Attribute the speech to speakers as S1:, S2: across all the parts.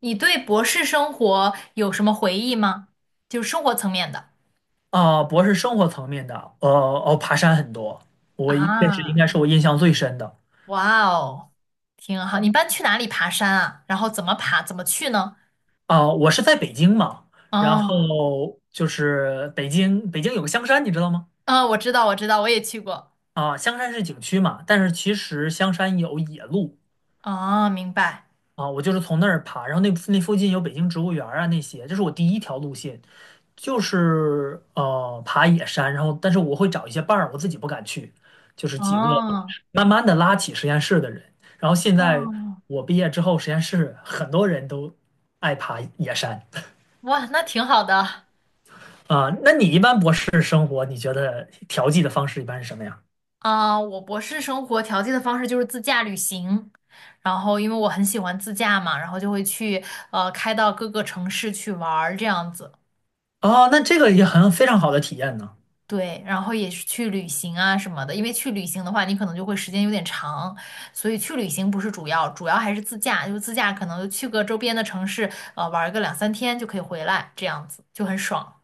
S1: 你对博士生活有什么回忆吗？就是生活层面的。
S2: 博士，生活层面的，爬山很多，我一这是应
S1: 啊，
S2: 该是我印象最深的。
S1: 哇哦，挺好。你一般去哪里爬山啊？然后怎么爬？怎么去呢？
S2: 我是在北京嘛，然后
S1: 哦，
S2: 北京有个香山，你知道吗？
S1: 啊，我知道，我知道，我也去过。
S2: 香山是景区嘛，但是其实香山有野路。
S1: 哦，明白。
S2: 我就是从那儿爬，然后那附近有北京植物园儿啊那些，这是我第一条路线，就是爬野山，然后但是我会找一些伴儿，我自己不敢去，就是几个。
S1: 哦。
S2: 慢慢的拉起实验室的人。然后现在
S1: 哦。
S2: 我毕业之后，实验室很多人都爱爬野山。
S1: 哇，那挺好的。
S2: 啊。那你一般博士生活，你觉得调剂的方式一般是什么呀？
S1: 啊，我博士生活调剂的方式就是自驾旅行。然后，因为我很喜欢自驾嘛，然后就会去开到各个城市去玩儿这样子。
S2: 哦，那这个也很非常好的体验呢。
S1: 对，然后也是去旅行啊什么的，因为去旅行的话，你可能就会时间有点长，所以去旅行不是主要，主要还是自驾，就自驾可能就去个周边的城市，玩个两三天就可以回来，这样子就很爽。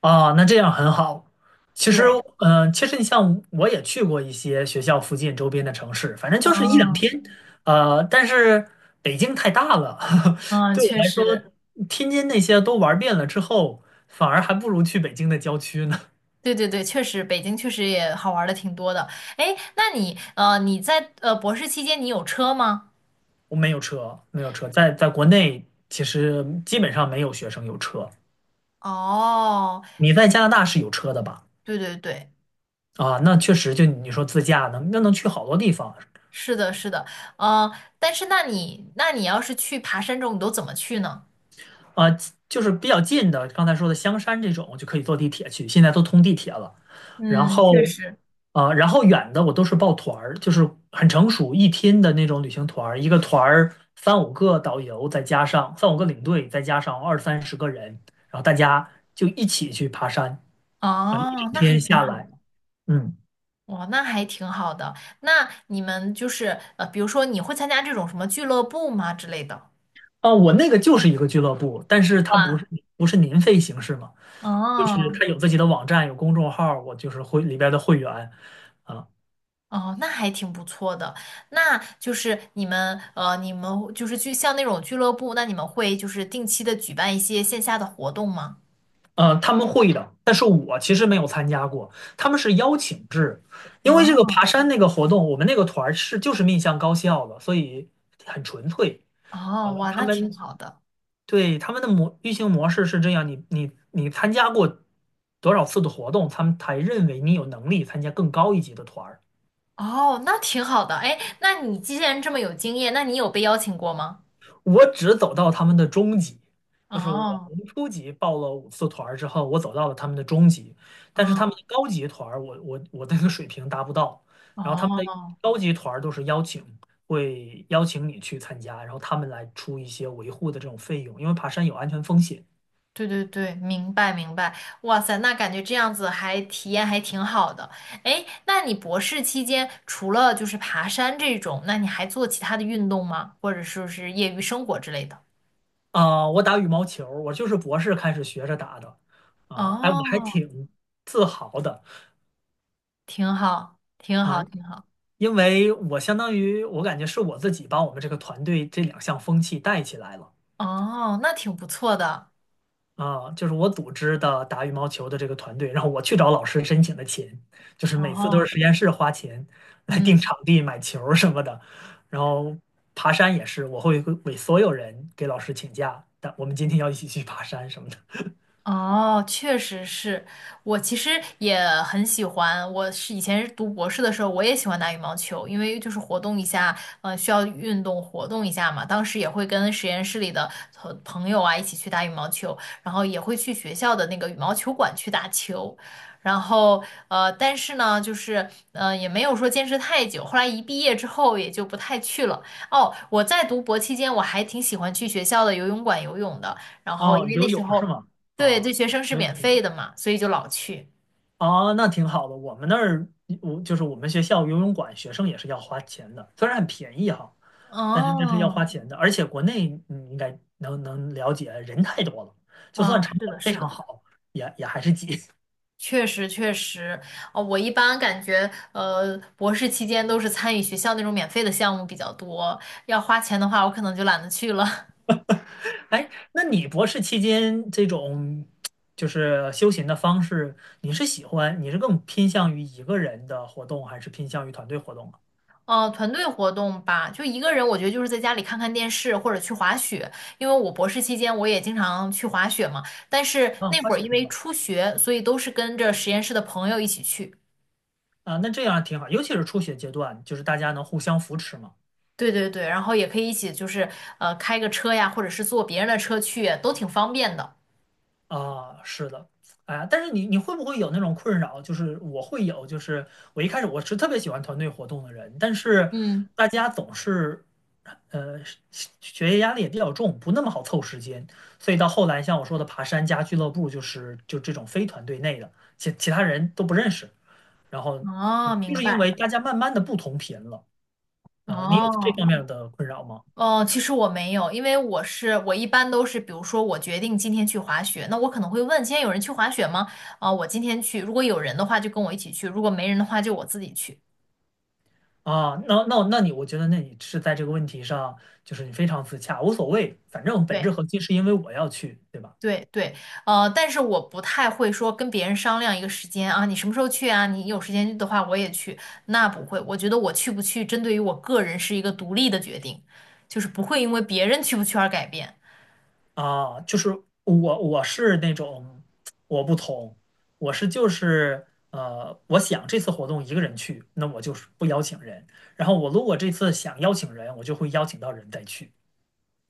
S2: 啊，那这样很好。其实，
S1: 对。
S2: 其实你像我也去过一些学校附近周边的城市，反正就是一两
S1: 嗯
S2: 天。呃，但是北京太大了，
S1: 嗯，
S2: 对我
S1: 确
S2: 来
S1: 实。
S2: 说，天津那些都玩遍了之后，反而还不如去北京的郊区呢。
S1: 对对对，确实，北京确实也好玩的挺多的。哎，那你你在博士期间你有车吗？
S2: 我没有车，没有车，在国内其实基本上没有学生有车。
S1: 哦，
S2: 你在加拿大是有车的吧？
S1: 对对对，
S2: 啊，那确实，就你说自驾能，那能去好多地方。
S1: 是的，是的。嗯，但是那你那你要是去爬山这种，你都怎么去呢？
S2: 啊，就是比较近的，刚才说的香山这种就可以坐地铁去，现在都通地铁了。然
S1: 嗯，确
S2: 后
S1: 实。
S2: 啊，然后远的我都是报团儿，就是很成熟一天的那种旅行团儿，一个团儿三五个导游，再加上三五个领队，再加上二三十个人，然后大家就一起去爬山。啊，一整
S1: 哦，那还
S2: 天
S1: 挺
S2: 下
S1: 好的。
S2: 来，嗯，
S1: 哇，那还挺好的。那你们就是呃，比如说你会参加这种什么俱乐部吗之类的？
S2: 啊，我那个就是一个俱乐部，但是它不是
S1: 哇。
S2: 不是年费形式嘛，就是
S1: 哦
S2: 它有自己的网站，有公众号我就是会里边的会员，啊，
S1: 哦，那还挺不错的。那就是你们你们就是去像那种俱乐部，那你们会就是定期的举办一些线下的活动吗？
S2: 呃，他们会的，但是我其实没有参加过，他们是邀请制，因为这个爬
S1: 哦。
S2: 山那个活动，我们那个团儿就是面向高校的，所以很纯粹，
S1: 哦，哇，
S2: 他
S1: 那挺
S2: 们
S1: 好的。
S2: 对，他们的运行模式是这样，你参加过多少次的活动，他们才认为你有能力参加更高一级的团儿。
S1: 哦，那挺好的。哎，那你既然这么有经验，那你有被邀请过吗？
S2: 我只走到他们的中级，就是我
S1: 哦。
S2: 从初级报了五次团儿之后，我走到了他们的中级，但是他们
S1: 嗯。
S2: 的高级团儿，我的那个水平达不到。然后他们的
S1: 哦。
S2: 高级团儿都是邀请，会邀请你去参加，然后他们来出一些维护的这种费用，因为爬山有安全风险。
S1: 对对对，明白明白。哇塞，那感觉这样子还体验还挺好的。哎，那你博士期间除了就是爬山这种，那你还做其他的运动吗？或者说是业余生活之类的？
S2: 我打羽毛球我就是博士开始学着打的。哎，我还
S1: 哦。
S2: 挺自豪的。
S1: 挺好，挺
S2: 啊、
S1: 好，挺好。
S2: 因为我相当于我感觉是我自己把我们这个团队这两项风气带起来了。
S1: 哦，那挺不错的。
S2: 就是我组织的打羽毛球的这个团队，然后我去找老师申请的钱，就是每次都是
S1: 哦。
S2: 实验室花钱来定
S1: 嗯。
S2: 场地、买球儿什么的，然后爬山也是，我会为所有人给老师请假，但我们今天要一起去爬山什么的。
S1: 哦，确实是，我其实也很喜欢。我是以前是读博士的时候，我也喜欢打羽毛球，因为就是活动一下，嗯，需要运动活动一下嘛。当时也会跟实验室里的朋友啊一起去打羽毛球，然后也会去学校的那个羽毛球馆去打球。然后但是呢，也没有说坚持太久。后来一毕业之后，也就不太去了。哦，我在读博期间，我还挺喜欢去学校的游泳馆游泳的。然后因
S2: 哦，
S1: 为那
S2: 游
S1: 时
S2: 泳是
S1: 候
S2: 吗？
S1: 对，
S2: 哦，
S1: 对学生是
S2: 没有。
S1: 免费的嘛，所以就老去。
S2: 哦，那挺好的。我们那儿，我就是我们学校游泳馆，学生也是要花钱的，虽然很便宜哈，但是这是要
S1: 哦。
S2: 花钱的。而且国内你应该能了解，人太多了，就算
S1: 啊，
S2: 场
S1: 是
S2: 馆
S1: 的，
S2: 非
S1: 是
S2: 常
S1: 的。
S2: 好，也还是挤。
S1: 确实确实。哦，我一般感觉，博士期间都是参与学校那种免费的项目比较多，要花钱的话，我可能就懒得去了。
S2: 哎，那你博士期间这种就是休闲的方式，你是喜欢，你是更偏向于一个人的活动，还是偏向于团队活动啊？
S1: 哦，团队活动吧，就一个人，我觉得就是在家里看看电视或者去滑雪，因为我博士期间我也经常去滑雪嘛，但是
S2: 啊，
S1: 那
S2: 滑
S1: 会儿
S2: 雪
S1: 因
S2: 很
S1: 为
S2: 棒。
S1: 初学，所以都是跟着实验室的朋友一起去。
S2: 啊，那这样挺好，尤其是初学阶段，就是大家能互相扶持嘛。
S1: 对对对，然后也可以一起就是开个车呀，或者是坐别人的车去，都挺方便的。
S2: 啊，是的，哎呀，但是你会不会有那种困扰？就是我会有，就是我一开始我是特别喜欢团队活动的人，但是
S1: 嗯。
S2: 大家总是，呃，学业压力也比较重，不那么好凑时间，所以到后来像我说的爬山加俱乐部，就这种非团队内的，其他人都不认识，然后
S1: 哦，
S2: 就
S1: 明
S2: 是因
S1: 白。
S2: 为大家慢慢的不同频了，呃，你有这
S1: 哦。
S2: 方面的困扰吗？
S1: 哦，其实我没有，因为我一般都是，比如说我决定今天去滑雪，那我可能会问今天有人去滑雪吗？啊，我今天去，如果有人的话就跟我一起去，如果没人的话就我自己去。
S2: 啊，那你，我觉得那你是在这个问题上，就是你非常自洽，无所谓，反正本质
S1: 对。
S2: 核心是因为我要去，对吧？
S1: 对对，但是我不太会说跟别人商量一个时间啊，你什么时候去啊？你有时间的话我也去，那不会。我觉得我去不去，针对于我个人是一个独立的决定，就是不会因为别人去不去而改变。
S2: 啊，就是我是那种我不同，我就是，我想这次活动一个人去，那我就是不邀请人，然后我如果这次想邀请人，我就会邀请到人再去，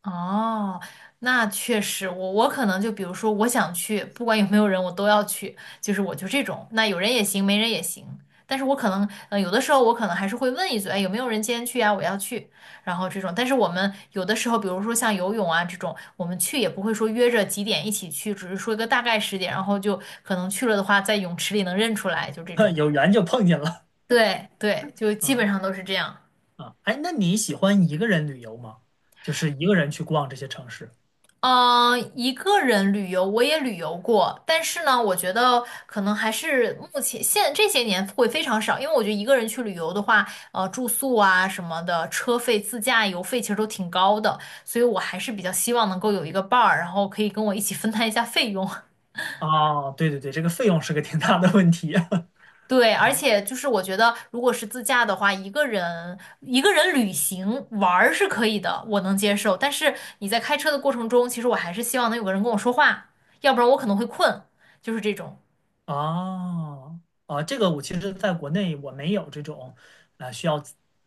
S1: 哦，那确实，我可能就比如说，我想去，不管有没有人，我都要去，就是我就这种，那有人也行，没人也行。但是我可能，有的时候我可能还是会问一嘴，哎，有没有人今天去啊？我要去，然后这种。但是我们有的时候，比如说像游泳啊这种，我们去也不会说约着几点一起去，只是说一个大概时间，然后就可能去了的话，在泳池里能认出来，就这 种。
S2: 有缘就碰见了，
S1: 对对，就基本
S2: 啊。
S1: 上都是这样。
S2: 啊，哎，那你喜欢一个人旅游吗？就是一个人去逛这些城市？
S1: 嗯，一个人旅游我也旅游过，但是呢，我觉得可能还是目前现这些年会非常少，因为我觉得一个人去旅游的话，住宿啊什么的，车费、自驾游费其实都挺高的，所以我还是比较希望能够有一个伴儿，然后可以跟我一起分摊一下费用。
S2: 啊，对对对，这个费用是个挺大的问题。
S1: 对，而且就是我觉得，如果是自驾的话，一个人旅行玩儿是可以的，我能接受。但是你在开车的过程中，其实我还是希望能有个人跟我说话，要不然我可能会困，就是这种。
S2: 哦，啊，这个我其实在国内我没有这种，需要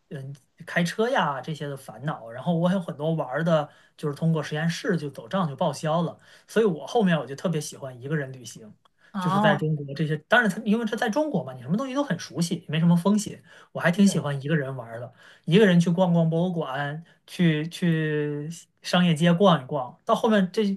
S2: 嗯开车呀这些的烦恼。然后我有很多玩儿的，就是通过实验室就走账就报销了。所以我后面我就特别喜欢一个人旅行，就是在
S1: 哦，
S2: 中国这些，当然它因为它在中国嘛，你什么东西都很熟悉，没什么风险。我还挺喜
S1: 对，
S2: 欢一个人玩儿的，一个人去逛逛博物馆，去商业街逛一逛。到后面这。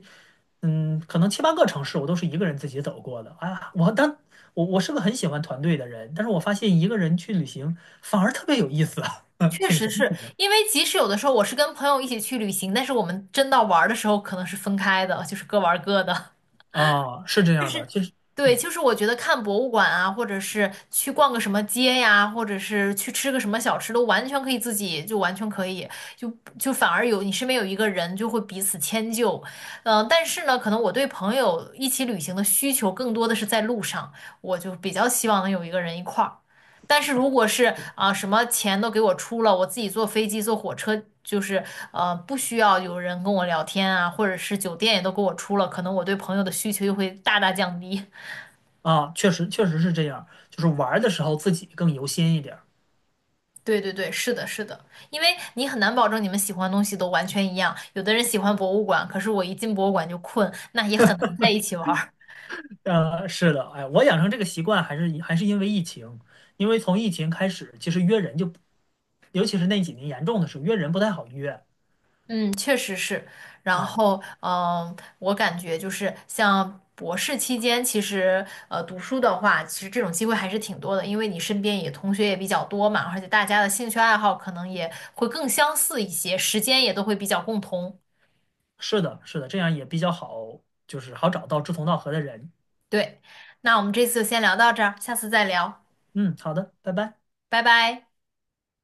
S2: 嗯，可能七八个城市我都是一个人自己走过的啊。我当我我是个很喜欢团队的人，但是我发现一个人去旅行反而特别有意思，嗯
S1: 确
S2: 挺
S1: 实
S2: 神奇
S1: 是
S2: 的。
S1: 因为即使有的时候我是跟朋友一起去旅行，但是我们真到玩儿的时候可能是分开的，就是各玩儿各的。
S2: 啊。是这
S1: 就
S2: 样的，
S1: 是
S2: 其实
S1: 对，
S2: 嗯
S1: 就是我觉得看博物馆啊，或者是去逛个什么街呀，或者是去吃个什么小吃，都完全可以自己，就完全可以，就就反而有你身边有一个人，就会彼此迁就。嗯，但是呢，可能我对朋友一起旅行的需求更多的是在路上，我就比较希望能有一个人一块儿。但是如果是啊，什么钱都给我出了，我自己坐飞机坐火车，就是不需要有人跟我聊天啊，或者是酒店也都给我出了，可能我对朋友的需求又会大大降低。
S2: 啊，确实确实是这样，就是玩儿的时候自己更游心一点儿。
S1: 对对对，是的，是的，因为你很难保证你们喜欢的东西都完全一样，有的人喜欢博物馆，可是我一进博物馆就困，那也很难在一起玩儿。
S2: 呃，是的，哎，我养成这个习惯还是因为疫情，因为从疫情开始，其实约人就，尤其是那几年严重的时候，约人不太好约。
S1: 嗯，确实是。然
S2: 啊。
S1: 后，嗯，我感觉就是像博士期间，其实读书的话，其实这种机会还是挺多的，因为你身边也同学也比较多嘛，而且大家的兴趣爱好可能也会更相似一些，时间也都会比较共同。
S2: 是的，是的，这样也比较好，就是好找到志同道合的人。
S1: 对，那我们这次就先聊到这儿，下次再聊，
S2: 嗯，好的，拜拜。
S1: 拜拜。